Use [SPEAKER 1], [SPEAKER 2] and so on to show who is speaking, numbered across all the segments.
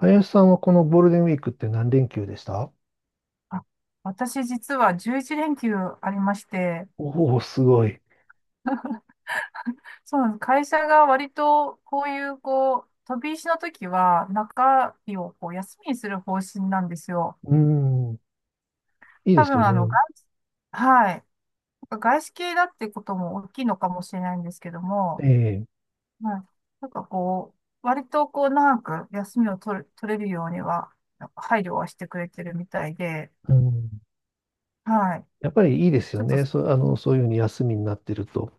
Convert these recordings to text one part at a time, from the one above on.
[SPEAKER 1] 林さんはこのゴールデンウィークって何連休でした？
[SPEAKER 2] あ、私実は11連休ありまして、
[SPEAKER 1] おおー、すごい。
[SPEAKER 2] そうなんです。会社が割とこういうこう、飛び石の時は中日をこう休みにする方針なんですよ。
[SPEAKER 1] うん、いいで
[SPEAKER 2] 多
[SPEAKER 1] す
[SPEAKER 2] 分
[SPEAKER 1] よね。
[SPEAKER 2] はい。外資系だってことも大きいのかもしれないんですけど
[SPEAKER 1] え
[SPEAKER 2] も、
[SPEAKER 1] え、
[SPEAKER 2] はい。なんかこう、割とこう長く休みを取れるようには、なんか配慮はしてくれてるみたいで、
[SPEAKER 1] うん。
[SPEAKER 2] はい。
[SPEAKER 1] やっぱりいいです
[SPEAKER 2] ち
[SPEAKER 1] よ
[SPEAKER 2] ょっと
[SPEAKER 1] ね。あの、そういうふうに休みになってると。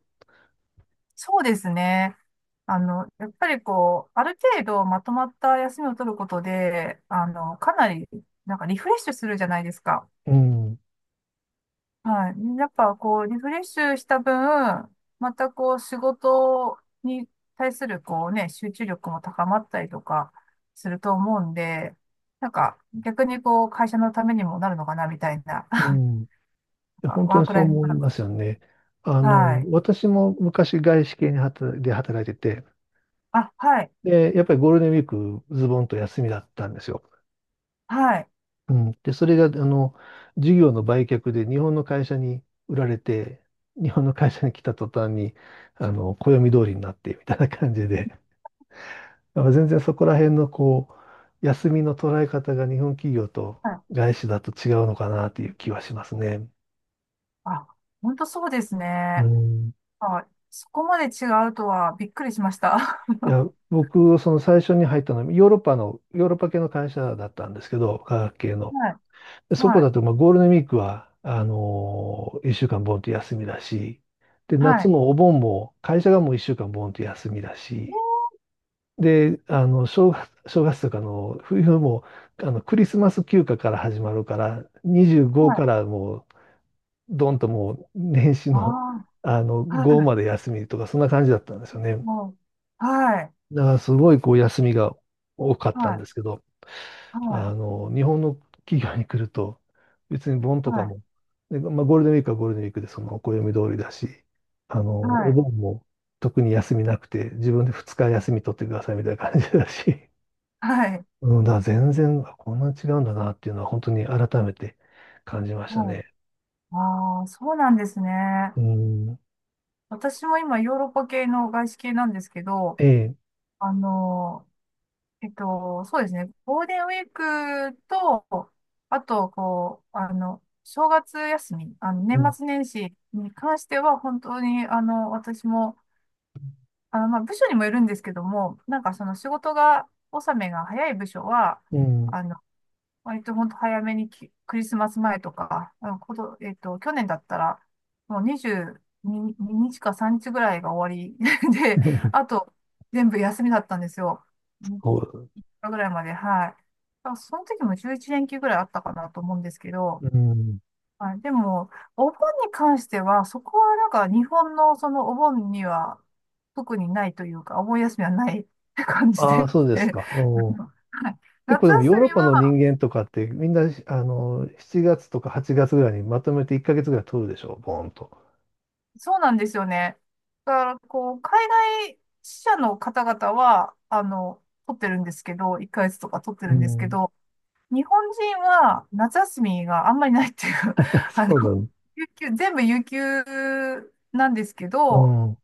[SPEAKER 2] そうですね。やっぱりこう、ある程度まとまった休みを取ることで、かなり、なんかリフレッシュするじゃないですか。
[SPEAKER 1] うん、
[SPEAKER 2] はい。やっぱこう、リフレッシュした分、またこう、仕事に対するこうね、集中力も高まったりとかすると思うんで、なんか逆にこう、会社のためにもなるのかな、みたいな。
[SPEAKER 1] うん。本
[SPEAKER 2] ワ
[SPEAKER 1] 当
[SPEAKER 2] ー
[SPEAKER 1] に
[SPEAKER 2] ク
[SPEAKER 1] そう
[SPEAKER 2] ライフ
[SPEAKER 1] 思
[SPEAKER 2] バ
[SPEAKER 1] い
[SPEAKER 2] ラン
[SPEAKER 1] ます
[SPEAKER 2] ス。
[SPEAKER 1] よね。あ
[SPEAKER 2] は
[SPEAKER 1] の、
[SPEAKER 2] い。
[SPEAKER 1] 私も昔外資系に働いてて、
[SPEAKER 2] あ、はい。
[SPEAKER 1] で、やっぱりゴールデンウィークズボンと休みだったんですよ。
[SPEAKER 2] はい。
[SPEAKER 1] うん、で、それが、あの、事業の売却で日本の会社に売られて、日本の会社に来た途端に、あの、暦通りになって、みたいな感じで、まあ全然そこら辺の、こう、休みの捉え方が日本企業と
[SPEAKER 2] はい。
[SPEAKER 1] 外資だと違うのかなっていう気はしますね。
[SPEAKER 2] あ、本当そうです
[SPEAKER 1] う
[SPEAKER 2] ね。
[SPEAKER 1] ん。
[SPEAKER 2] はい、そこまで違うとはびっくりしました。
[SPEAKER 1] いや、僕、その最初に入ったのは、ヨーロッパ系の会社だったんですけど、化学系の。
[SPEAKER 2] はい、
[SPEAKER 1] そこ
[SPEAKER 2] はい、
[SPEAKER 1] だと、まあ、ゴールデンウィークは、1週間ボンと休みだし、で、
[SPEAKER 2] は
[SPEAKER 1] 夏
[SPEAKER 2] い。
[SPEAKER 1] もお盆も、会社がもう1週間ボンと休みだし、
[SPEAKER 2] ね、
[SPEAKER 1] で、あの、正月とかの冬も、あの、クリスマス休暇から始まるから、25
[SPEAKER 2] はい。
[SPEAKER 1] からもう、どんともう、年始の、
[SPEAKER 2] あ
[SPEAKER 1] あの、
[SPEAKER 2] あ、
[SPEAKER 1] 5ま
[SPEAKER 2] は
[SPEAKER 1] で休みとか、そんな感じだったんですよ
[SPEAKER 2] い、
[SPEAKER 1] ね。
[SPEAKER 2] もう、はい、
[SPEAKER 1] だから、すごい、こう、休みが多かった
[SPEAKER 2] は
[SPEAKER 1] んで
[SPEAKER 2] い、
[SPEAKER 1] すけど、
[SPEAKER 2] は
[SPEAKER 1] あ
[SPEAKER 2] い、
[SPEAKER 1] の、日本の企業に来ると、別に盆
[SPEAKER 2] は
[SPEAKER 1] とか
[SPEAKER 2] い、
[SPEAKER 1] も、で、まあ、ゴールデンウィークはゴールデンウィークでその暦通りだし、あの、
[SPEAKER 2] は
[SPEAKER 1] お
[SPEAKER 2] い、
[SPEAKER 1] 盆も特に休みなくて、自分で2日休み取ってくださいみたいな感じだし、
[SPEAKER 2] はい、
[SPEAKER 1] うん、だから全然、あこんなに違うんだなっていうのは本当に改めて感じました
[SPEAKER 2] はい。
[SPEAKER 1] ね。
[SPEAKER 2] ああ、そうなんですね。
[SPEAKER 1] うん、
[SPEAKER 2] 私も今ヨーロッパ系の外資系なんですけど、
[SPEAKER 1] ええ、
[SPEAKER 2] あの、そうですね。ゴールデンウィークと、あと、こう、正月休み、
[SPEAKER 1] う
[SPEAKER 2] 年
[SPEAKER 1] ん、
[SPEAKER 2] 末年始に関しては、本当に、私も、まあ、部署にもよるんですけども、なんかその仕事が、納めが早い部署は、
[SPEAKER 1] うん、
[SPEAKER 2] あの、割と本当早めにクリスマス前とか、あの、こと、えっと、去年だったら、もう22日か3日ぐらいが終わり で、あ と、全部休みだったんですよ。3
[SPEAKER 1] そ
[SPEAKER 2] 日ぐらいまで、はい。だからその時も11連休ぐらいあったかなと思うんですけど、
[SPEAKER 1] う、うん、
[SPEAKER 2] はい、でも、お盆に関しては、そこはなんか日本のそのお盆には特にないというか、お盆休みはない 感じ
[SPEAKER 1] ああ、
[SPEAKER 2] で、
[SPEAKER 1] そう で
[SPEAKER 2] は
[SPEAKER 1] すか。うん。
[SPEAKER 2] い、
[SPEAKER 1] 結構
[SPEAKER 2] 夏
[SPEAKER 1] でもヨー
[SPEAKER 2] 休
[SPEAKER 1] ロ
[SPEAKER 2] み
[SPEAKER 1] ッパの人
[SPEAKER 2] は
[SPEAKER 1] 間とかってみんな、あの、7月とか8月ぐらいにまとめて1ヶ月ぐらい取るでしょ、ボーンと。
[SPEAKER 2] そうなんですよね。だからこう、海外支社の方々は、取ってるんですけど、1ヶ月とか取って
[SPEAKER 1] う
[SPEAKER 2] るんですけ
[SPEAKER 1] ん。
[SPEAKER 2] ど、日本人は夏休みがあんまりないっていう、あの、
[SPEAKER 1] そうだね。
[SPEAKER 2] 有給、全部有給なんですけ
[SPEAKER 1] う
[SPEAKER 2] ど、
[SPEAKER 1] ん。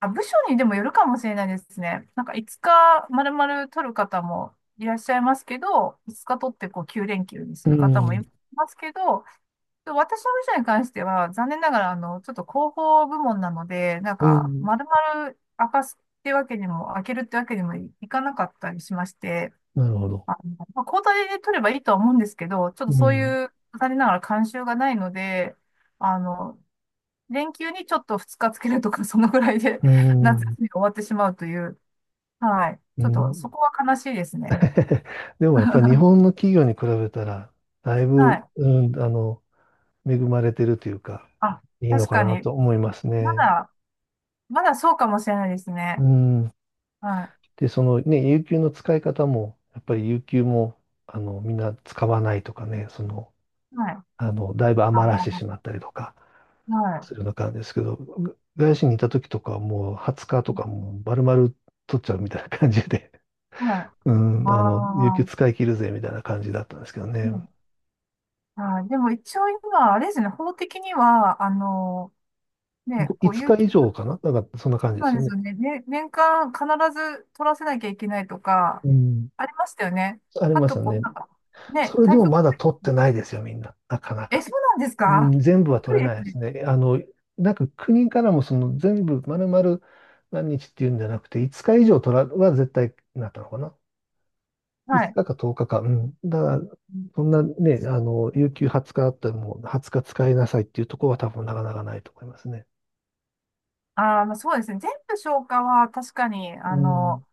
[SPEAKER 2] あ、部署にでもよるかもしれないですね。なんか5日丸々取る方もいらっしゃいますけど、5日取ってこう9連休にす
[SPEAKER 1] う
[SPEAKER 2] る方もい
[SPEAKER 1] ん。
[SPEAKER 2] ますけど、私の部署に関しては残念ながらちょっと広報部門なので、なん
[SPEAKER 1] う
[SPEAKER 2] か
[SPEAKER 1] ん。
[SPEAKER 2] 丸々明かすってわけにも、開けるってわけにもいかなかったりしまして、
[SPEAKER 1] なるほど。
[SPEAKER 2] まあ、交代で取ればいいとは思うんですけど、ちょっと
[SPEAKER 1] う
[SPEAKER 2] そう
[SPEAKER 1] ん。
[SPEAKER 2] いう残念ながら慣習がないので、あの、連休にちょっと2日つけるとか、そのぐらいで
[SPEAKER 1] う
[SPEAKER 2] 夏休
[SPEAKER 1] ん。
[SPEAKER 2] みが終わってしまうという。はい。
[SPEAKER 1] う
[SPEAKER 2] ちょっと
[SPEAKER 1] ん。
[SPEAKER 2] そこは悲しいですね。
[SPEAKER 1] でもやっぱり日 本の企業に比べたら、だい
[SPEAKER 2] は
[SPEAKER 1] ぶ、
[SPEAKER 2] い。
[SPEAKER 1] うん、あの、恵まれてるというか、
[SPEAKER 2] あ、
[SPEAKER 1] いいの
[SPEAKER 2] 確
[SPEAKER 1] か
[SPEAKER 2] か
[SPEAKER 1] な
[SPEAKER 2] に。
[SPEAKER 1] と思います
[SPEAKER 2] ま
[SPEAKER 1] ね。
[SPEAKER 2] だ、まだそうかもしれないです
[SPEAKER 1] う
[SPEAKER 2] ね。
[SPEAKER 1] ん。
[SPEAKER 2] はい。
[SPEAKER 1] で、そのね、有給の使い方も、やっぱり有給も、あの、みんな使わないとかね、その、
[SPEAKER 2] はい。あ
[SPEAKER 1] あの、だいぶ余らしてしまった
[SPEAKER 2] ー
[SPEAKER 1] りとか
[SPEAKER 2] は
[SPEAKER 1] す
[SPEAKER 2] い。
[SPEAKER 1] るような感じですけど、が外資にいた時とかはもう20日とかもう丸々取っちゃうみたいな感じで、
[SPEAKER 2] はい。
[SPEAKER 1] う
[SPEAKER 2] あ
[SPEAKER 1] ん、あの、有給
[SPEAKER 2] あ、
[SPEAKER 1] 使い切るぜみたいな感じだったんですけど
[SPEAKER 2] う
[SPEAKER 1] ね。
[SPEAKER 2] ん、はい。でも一応今、あれですね、法的には、ね、
[SPEAKER 1] ご
[SPEAKER 2] こう、
[SPEAKER 1] 5
[SPEAKER 2] 有
[SPEAKER 1] 日
[SPEAKER 2] 給、
[SPEAKER 1] 以上かななんかそんな
[SPEAKER 2] そ
[SPEAKER 1] 感じで
[SPEAKER 2] うな
[SPEAKER 1] す
[SPEAKER 2] ん
[SPEAKER 1] よ
[SPEAKER 2] です
[SPEAKER 1] ね。
[SPEAKER 2] よね。ね、年間必ず取らせなきゃいけないとか、
[SPEAKER 1] うん、
[SPEAKER 2] ありましたよね。
[SPEAKER 1] あり
[SPEAKER 2] あ
[SPEAKER 1] まし
[SPEAKER 2] と、
[SPEAKER 1] た
[SPEAKER 2] こう、
[SPEAKER 1] ね。
[SPEAKER 2] なんか、ね、
[SPEAKER 1] それで
[SPEAKER 2] 退
[SPEAKER 1] も
[SPEAKER 2] 職
[SPEAKER 1] ま
[SPEAKER 2] の、
[SPEAKER 1] だ取ってないですよ、みんな。なかな
[SPEAKER 2] え、
[SPEAKER 1] か。
[SPEAKER 2] そうなんです
[SPEAKER 1] う
[SPEAKER 2] か？
[SPEAKER 1] ん、全部
[SPEAKER 2] び
[SPEAKER 1] は
[SPEAKER 2] っく
[SPEAKER 1] 取れ
[SPEAKER 2] り
[SPEAKER 1] な
[SPEAKER 2] です
[SPEAKER 1] いです
[SPEAKER 2] ね。
[SPEAKER 1] ね。あの、なんか国からもその全部丸々何日っていうんじゃなくて、5日以上取らは絶対なったのかな。
[SPEAKER 2] は
[SPEAKER 1] 5
[SPEAKER 2] い。
[SPEAKER 1] 日か10日かか。うん。だから、そんなね、あの、有給20日あったらもう20日使いなさいっていうところは多分なかなかないと思いますね。
[SPEAKER 2] まあ、そうですね。全部消化は確かに、
[SPEAKER 1] うん。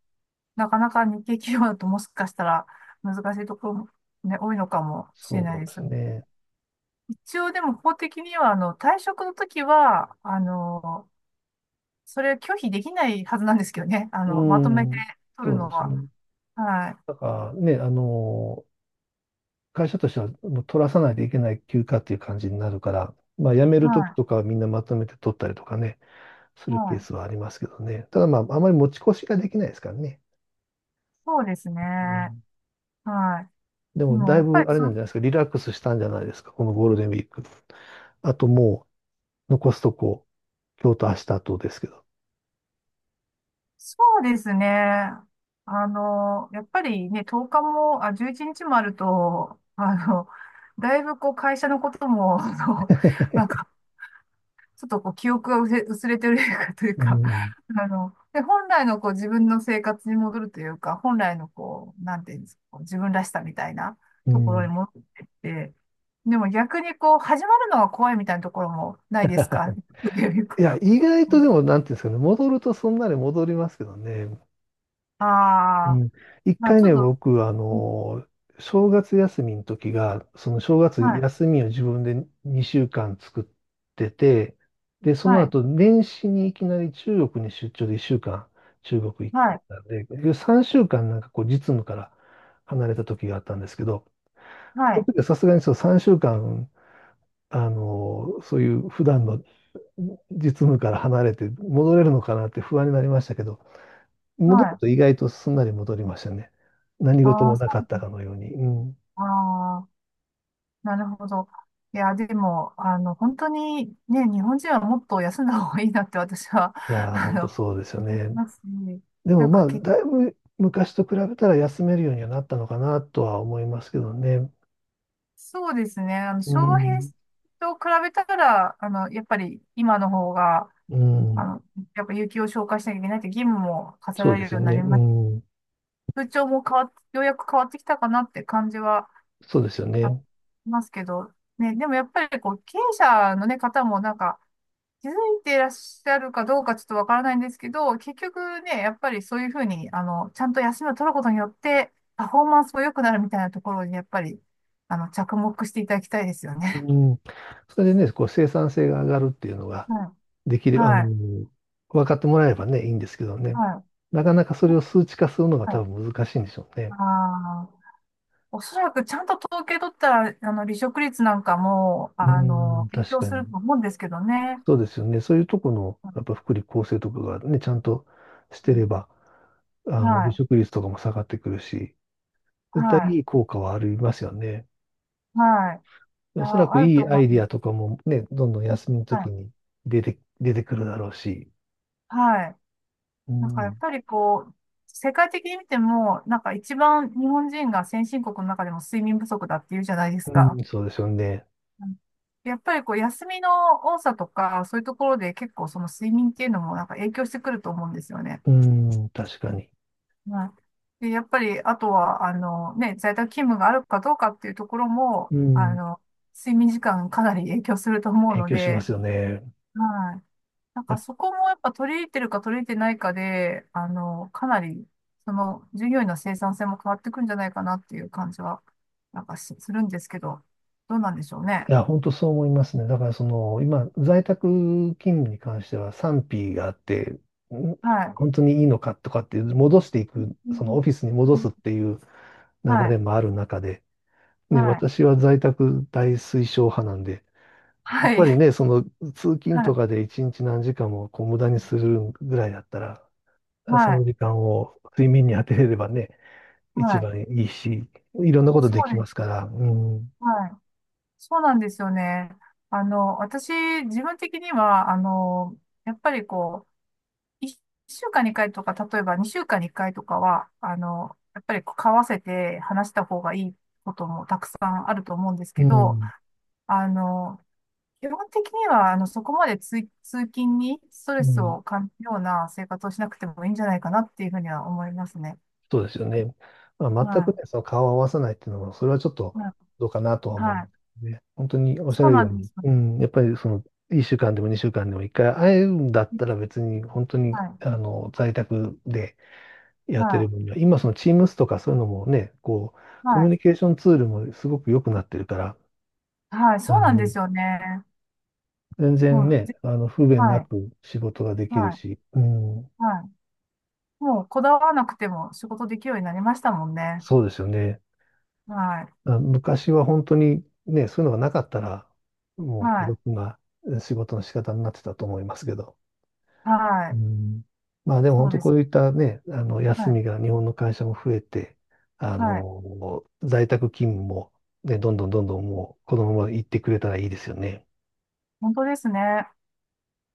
[SPEAKER 2] なかなか日系企業だともしかしたら難しいところもね、多いのかもしれな
[SPEAKER 1] そ
[SPEAKER 2] い
[SPEAKER 1] う
[SPEAKER 2] で
[SPEAKER 1] で
[SPEAKER 2] す
[SPEAKER 1] す
[SPEAKER 2] よね。
[SPEAKER 1] ね。
[SPEAKER 2] 一応でも法的には、退職の時は、それ拒否できないはずなんですけどね。
[SPEAKER 1] う
[SPEAKER 2] まとめて
[SPEAKER 1] ん。
[SPEAKER 2] 取る
[SPEAKER 1] そう
[SPEAKER 2] の
[SPEAKER 1] です
[SPEAKER 2] は。
[SPEAKER 1] ね。
[SPEAKER 2] はい。
[SPEAKER 1] だからね、あの、会社としてはもう取らさないといけない休暇っていう感じになるから、まあ辞めるとき
[SPEAKER 2] は
[SPEAKER 1] とかはみんなまとめて取ったりとかね、す
[SPEAKER 2] い。
[SPEAKER 1] る
[SPEAKER 2] は
[SPEAKER 1] ケース
[SPEAKER 2] い。
[SPEAKER 1] はありますけどね。ただまあ、あまり持ち越しができないですからね。
[SPEAKER 2] そうです
[SPEAKER 1] う
[SPEAKER 2] ね。
[SPEAKER 1] ん。
[SPEAKER 2] はい。
[SPEAKER 1] で
[SPEAKER 2] で
[SPEAKER 1] も、
[SPEAKER 2] も、
[SPEAKER 1] だ
[SPEAKER 2] や
[SPEAKER 1] い
[SPEAKER 2] っ
[SPEAKER 1] ぶ
[SPEAKER 2] ぱ
[SPEAKER 1] あ
[SPEAKER 2] り
[SPEAKER 1] れなんじゃないですか、リラックスしたんじゃないですか、このゴールデンウィーク。あとも残すとこ、今日と明日とですけど。
[SPEAKER 2] そうですね。やっぱりね、10日も、あ、11日もあると、だいぶこう、会社のことも、まあ、ちょっとこう記憶が薄れてる という
[SPEAKER 1] う
[SPEAKER 2] か
[SPEAKER 1] ん。
[SPEAKER 2] で、本来のこう自分の生活に戻るというか、本来のこう、なんていうんですか、こう自分らしさみたいな
[SPEAKER 1] う
[SPEAKER 2] ところに
[SPEAKER 1] ん。
[SPEAKER 2] 戻ってって、でも逆にこう、始まるのが怖いみたいなところもないですか？ っていうか。
[SPEAKER 1] いや、意外と でも、なんていうんですかね、戻るとそんなに戻りますけどね。
[SPEAKER 2] あ
[SPEAKER 1] う
[SPEAKER 2] あ、
[SPEAKER 1] ん。一
[SPEAKER 2] まあ
[SPEAKER 1] 回
[SPEAKER 2] ちょ
[SPEAKER 1] ね、
[SPEAKER 2] っと、
[SPEAKER 1] 僕、あ
[SPEAKER 2] うん、
[SPEAKER 1] の、正月休みの時が、その正月
[SPEAKER 2] はい、
[SPEAKER 1] 休みを自分で2週間作ってて、で、そ
[SPEAKER 2] は
[SPEAKER 1] の
[SPEAKER 2] い、
[SPEAKER 1] 後、年始にいきなり中国に出張で1週間中国行
[SPEAKER 2] は
[SPEAKER 1] って
[SPEAKER 2] い、
[SPEAKER 1] たんで、結局3週間なんかこう実務から離れた時があったんですけど、
[SPEAKER 2] は
[SPEAKER 1] その
[SPEAKER 2] い、
[SPEAKER 1] 時はさすがにそう3週間あの、そういう普段の実務から離れて戻れるのかなって不安になりましたけど、戻る
[SPEAKER 2] はい。
[SPEAKER 1] と意外とすんなり戻りましたね。何事
[SPEAKER 2] ああ、
[SPEAKER 1] も
[SPEAKER 2] そ
[SPEAKER 1] なかったかのように。うん、
[SPEAKER 2] う、ああ。なるほど。いや、でも、本当にね、日本人はもっと休んだ方がいいなって私は、
[SPEAKER 1] い やー、
[SPEAKER 2] あ
[SPEAKER 1] 本当
[SPEAKER 2] の、
[SPEAKER 1] そうですよ
[SPEAKER 2] 思い
[SPEAKER 1] ね。
[SPEAKER 2] ますね。
[SPEAKER 1] でも
[SPEAKER 2] なん
[SPEAKER 1] ま
[SPEAKER 2] か
[SPEAKER 1] あ、
[SPEAKER 2] け、
[SPEAKER 1] だいぶ昔と比べたら休めるようにはなったのかなとは思いますけどね。
[SPEAKER 2] そうですね。
[SPEAKER 1] う
[SPEAKER 2] 昭和平
[SPEAKER 1] ん、
[SPEAKER 2] 成と比べたら、やっぱり今の方が、
[SPEAKER 1] う
[SPEAKER 2] あ
[SPEAKER 1] ん、
[SPEAKER 2] の、やっぱ有給を消化しなきゃいけないって義務も課せ
[SPEAKER 1] そ
[SPEAKER 2] ら
[SPEAKER 1] うで
[SPEAKER 2] れる
[SPEAKER 1] す
[SPEAKER 2] よ
[SPEAKER 1] よ
[SPEAKER 2] うにな
[SPEAKER 1] ね。
[SPEAKER 2] り
[SPEAKER 1] う
[SPEAKER 2] ます。
[SPEAKER 1] ん、
[SPEAKER 2] 風潮も変わっ、ようやく変わってきたかなって感じは
[SPEAKER 1] そうですよ
[SPEAKER 2] あり
[SPEAKER 1] ね。
[SPEAKER 2] ますけど、ね、でもやっぱりこう、経営者のね、方もなんか、気づいていらっしゃるかどうかちょっとわからないんですけど、結局ね、やっぱりそういうふうに、ちゃんと休みを取ることによって、パフォーマンスも良くなるみたいなところに、やっぱり、着目していただきたいですよね。
[SPEAKER 1] うん、それでね、こう生産性が上がるっていうのが できる、あの、
[SPEAKER 2] はい。
[SPEAKER 1] 分かってもらえればね、いいんですけどね。
[SPEAKER 2] はい。
[SPEAKER 1] なかなかそれを数値化するのが
[SPEAKER 2] はい。は
[SPEAKER 1] 多
[SPEAKER 2] い。
[SPEAKER 1] 分難しいんでしょうね。
[SPEAKER 2] あーおそらくちゃんと統計取ったら、離職率なんかも、
[SPEAKER 1] うん、
[SPEAKER 2] 影
[SPEAKER 1] 確
[SPEAKER 2] 響
[SPEAKER 1] か
[SPEAKER 2] する
[SPEAKER 1] に。
[SPEAKER 2] と思うんですけどね。
[SPEAKER 1] そうですよね。そういうとこの、やっぱ
[SPEAKER 2] う
[SPEAKER 1] 福利厚生とかがね、ちゃんとしてれ
[SPEAKER 2] ん、
[SPEAKER 1] ば、あの、
[SPEAKER 2] は
[SPEAKER 1] 離
[SPEAKER 2] い。
[SPEAKER 1] 職率とかも下がってくるし、絶対
[SPEAKER 2] は
[SPEAKER 1] いい効果はありますよね。
[SPEAKER 2] い。はい。い
[SPEAKER 1] おそら
[SPEAKER 2] や、
[SPEAKER 1] く
[SPEAKER 2] ある
[SPEAKER 1] い
[SPEAKER 2] と
[SPEAKER 1] いア
[SPEAKER 2] 思
[SPEAKER 1] イ
[SPEAKER 2] い
[SPEAKER 1] ディ
[SPEAKER 2] ま
[SPEAKER 1] ア
[SPEAKER 2] す。
[SPEAKER 1] とかもね、どんどん休みの
[SPEAKER 2] は
[SPEAKER 1] 時
[SPEAKER 2] い。
[SPEAKER 1] に出てくるだろうし。
[SPEAKER 2] はい。
[SPEAKER 1] う
[SPEAKER 2] なんかやっ
[SPEAKER 1] ん、
[SPEAKER 2] ぱりこう、世界的に見ても、なんか一番日本人が先進国の中でも睡眠不足だっていうじゃないです
[SPEAKER 1] う
[SPEAKER 2] か。
[SPEAKER 1] ん、そうですよね。
[SPEAKER 2] うん、やっぱりこう、休みの多さとか、そういうところで結構その睡眠っていうのもなんか影響してくると思うんですよね。
[SPEAKER 1] うん、確かに。
[SPEAKER 2] はい。で、やっぱり、あとは、ね、在宅勤務があるかどうかっていうところも、
[SPEAKER 1] うん、
[SPEAKER 2] 睡眠時間かなり影響すると思う
[SPEAKER 1] 影
[SPEAKER 2] の
[SPEAKER 1] 響しま
[SPEAKER 2] で、
[SPEAKER 1] すよね。
[SPEAKER 2] はい。なん
[SPEAKER 1] い
[SPEAKER 2] か
[SPEAKER 1] や、
[SPEAKER 2] そこもやっぱ取り入れてるか取り入れてないかで、かなり、その、従業員の生産性も変わってくんじゃないかなっていう感じは、なんかし、するんですけど、どうなんでしょうね。
[SPEAKER 1] いや本当そう思いますね。だからその、今、在宅勤務に関しては賛否があって、ん、
[SPEAKER 2] はい。
[SPEAKER 1] 本当にいいのかとかっていう、戻していく、
[SPEAKER 2] う
[SPEAKER 1] その
[SPEAKER 2] ん、
[SPEAKER 1] オフィスに戻すっていう流
[SPEAKER 2] は
[SPEAKER 1] れ
[SPEAKER 2] い。
[SPEAKER 1] もある中で、ね、
[SPEAKER 2] はい。
[SPEAKER 1] 私は在宅大推奨派なんで、やっ
[SPEAKER 2] は
[SPEAKER 1] ぱ
[SPEAKER 2] い。
[SPEAKER 1] りね、その通勤
[SPEAKER 2] は
[SPEAKER 1] と
[SPEAKER 2] い。
[SPEAKER 1] かで一日何時間もこう無駄にするぐらいだったら、そ
[SPEAKER 2] は
[SPEAKER 1] の
[SPEAKER 2] い。
[SPEAKER 1] 時間を睡眠に当てれればね、
[SPEAKER 2] は
[SPEAKER 1] 一
[SPEAKER 2] い。
[SPEAKER 1] 番いいし、いろんなこと
[SPEAKER 2] そ
[SPEAKER 1] でき
[SPEAKER 2] うで
[SPEAKER 1] ます
[SPEAKER 2] す。
[SPEAKER 1] から、うん、
[SPEAKER 2] はい。そうなんですよね。私、自分的には、やっぱりこう、1週間に1回とか、例えば2週間に1回とかは、やっぱりこう交わせて話した方がいいこともたくさんあると思うんです
[SPEAKER 1] う
[SPEAKER 2] けど、
[SPEAKER 1] ん、
[SPEAKER 2] あの、基本的には、そこまで通勤にスト
[SPEAKER 1] う
[SPEAKER 2] レス
[SPEAKER 1] ん、
[SPEAKER 2] を感じるような生活をしなくてもいいんじゃないかなっていうふうには思いますね。
[SPEAKER 1] そうですよね。まあ、全く
[SPEAKER 2] は
[SPEAKER 1] ね、その顔を合わさないっていうのは、それはちょっ
[SPEAKER 2] い。
[SPEAKER 1] とどうかなとは思い
[SPEAKER 2] は
[SPEAKER 1] ま
[SPEAKER 2] い。
[SPEAKER 1] すね。本当におっしゃ
[SPEAKER 2] そう
[SPEAKER 1] る
[SPEAKER 2] な
[SPEAKER 1] よう
[SPEAKER 2] んで
[SPEAKER 1] に、
[SPEAKER 2] すよね。
[SPEAKER 1] うん、やっぱりその、1週間でも2週間でも1回会えるんだったら別に本当に
[SPEAKER 2] はい。
[SPEAKER 1] あの在宅でやってる
[SPEAKER 2] は
[SPEAKER 1] 分には、今その Teams とかそういうのもね、こう、
[SPEAKER 2] い。
[SPEAKER 1] コ
[SPEAKER 2] は
[SPEAKER 1] ミュ
[SPEAKER 2] い。
[SPEAKER 1] ニケーションツールもすごく良くなってるから、
[SPEAKER 2] はい。
[SPEAKER 1] あ
[SPEAKER 2] そうなんで
[SPEAKER 1] の、
[SPEAKER 2] すよね。
[SPEAKER 1] 全然
[SPEAKER 2] もう、
[SPEAKER 1] ね、あの、不便
[SPEAKER 2] は
[SPEAKER 1] な
[SPEAKER 2] い。
[SPEAKER 1] く仕事がで
[SPEAKER 2] は
[SPEAKER 1] きる
[SPEAKER 2] い。
[SPEAKER 1] し、うん、
[SPEAKER 2] はい。もう、こだわらなくても仕事できるようになりましたもんね。
[SPEAKER 1] そうですよね。
[SPEAKER 2] はい。
[SPEAKER 1] あ、昔は本当にね、そういうのがなかったら、もう孤
[SPEAKER 2] はい。
[SPEAKER 1] 独なえ仕事の仕方になってたと思いますけど。
[SPEAKER 2] は
[SPEAKER 1] う
[SPEAKER 2] い。
[SPEAKER 1] ん、まあでも
[SPEAKER 2] そ
[SPEAKER 1] 本
[SPEAKER 2] う
[SPEAKER 1] 当
[SPEAKER 2] で
[SPEAKER 1] こ
[SPEAKER 2] す。
[SPEAKER 1] ういったね、あの
[SPEAKER 2] は
[SPEAKER 1] 休
[SPEAKER 2] い。
[SPEAKER 1] みが日本の会社も増えて、あ
[SPEAKER 2] はい。
[SPEAKER 1] の、在宅勤務もね、どんどんどんどんもうこのまま行ってくれたらいいですよね。
[SPEAKER 2] 本当ですね。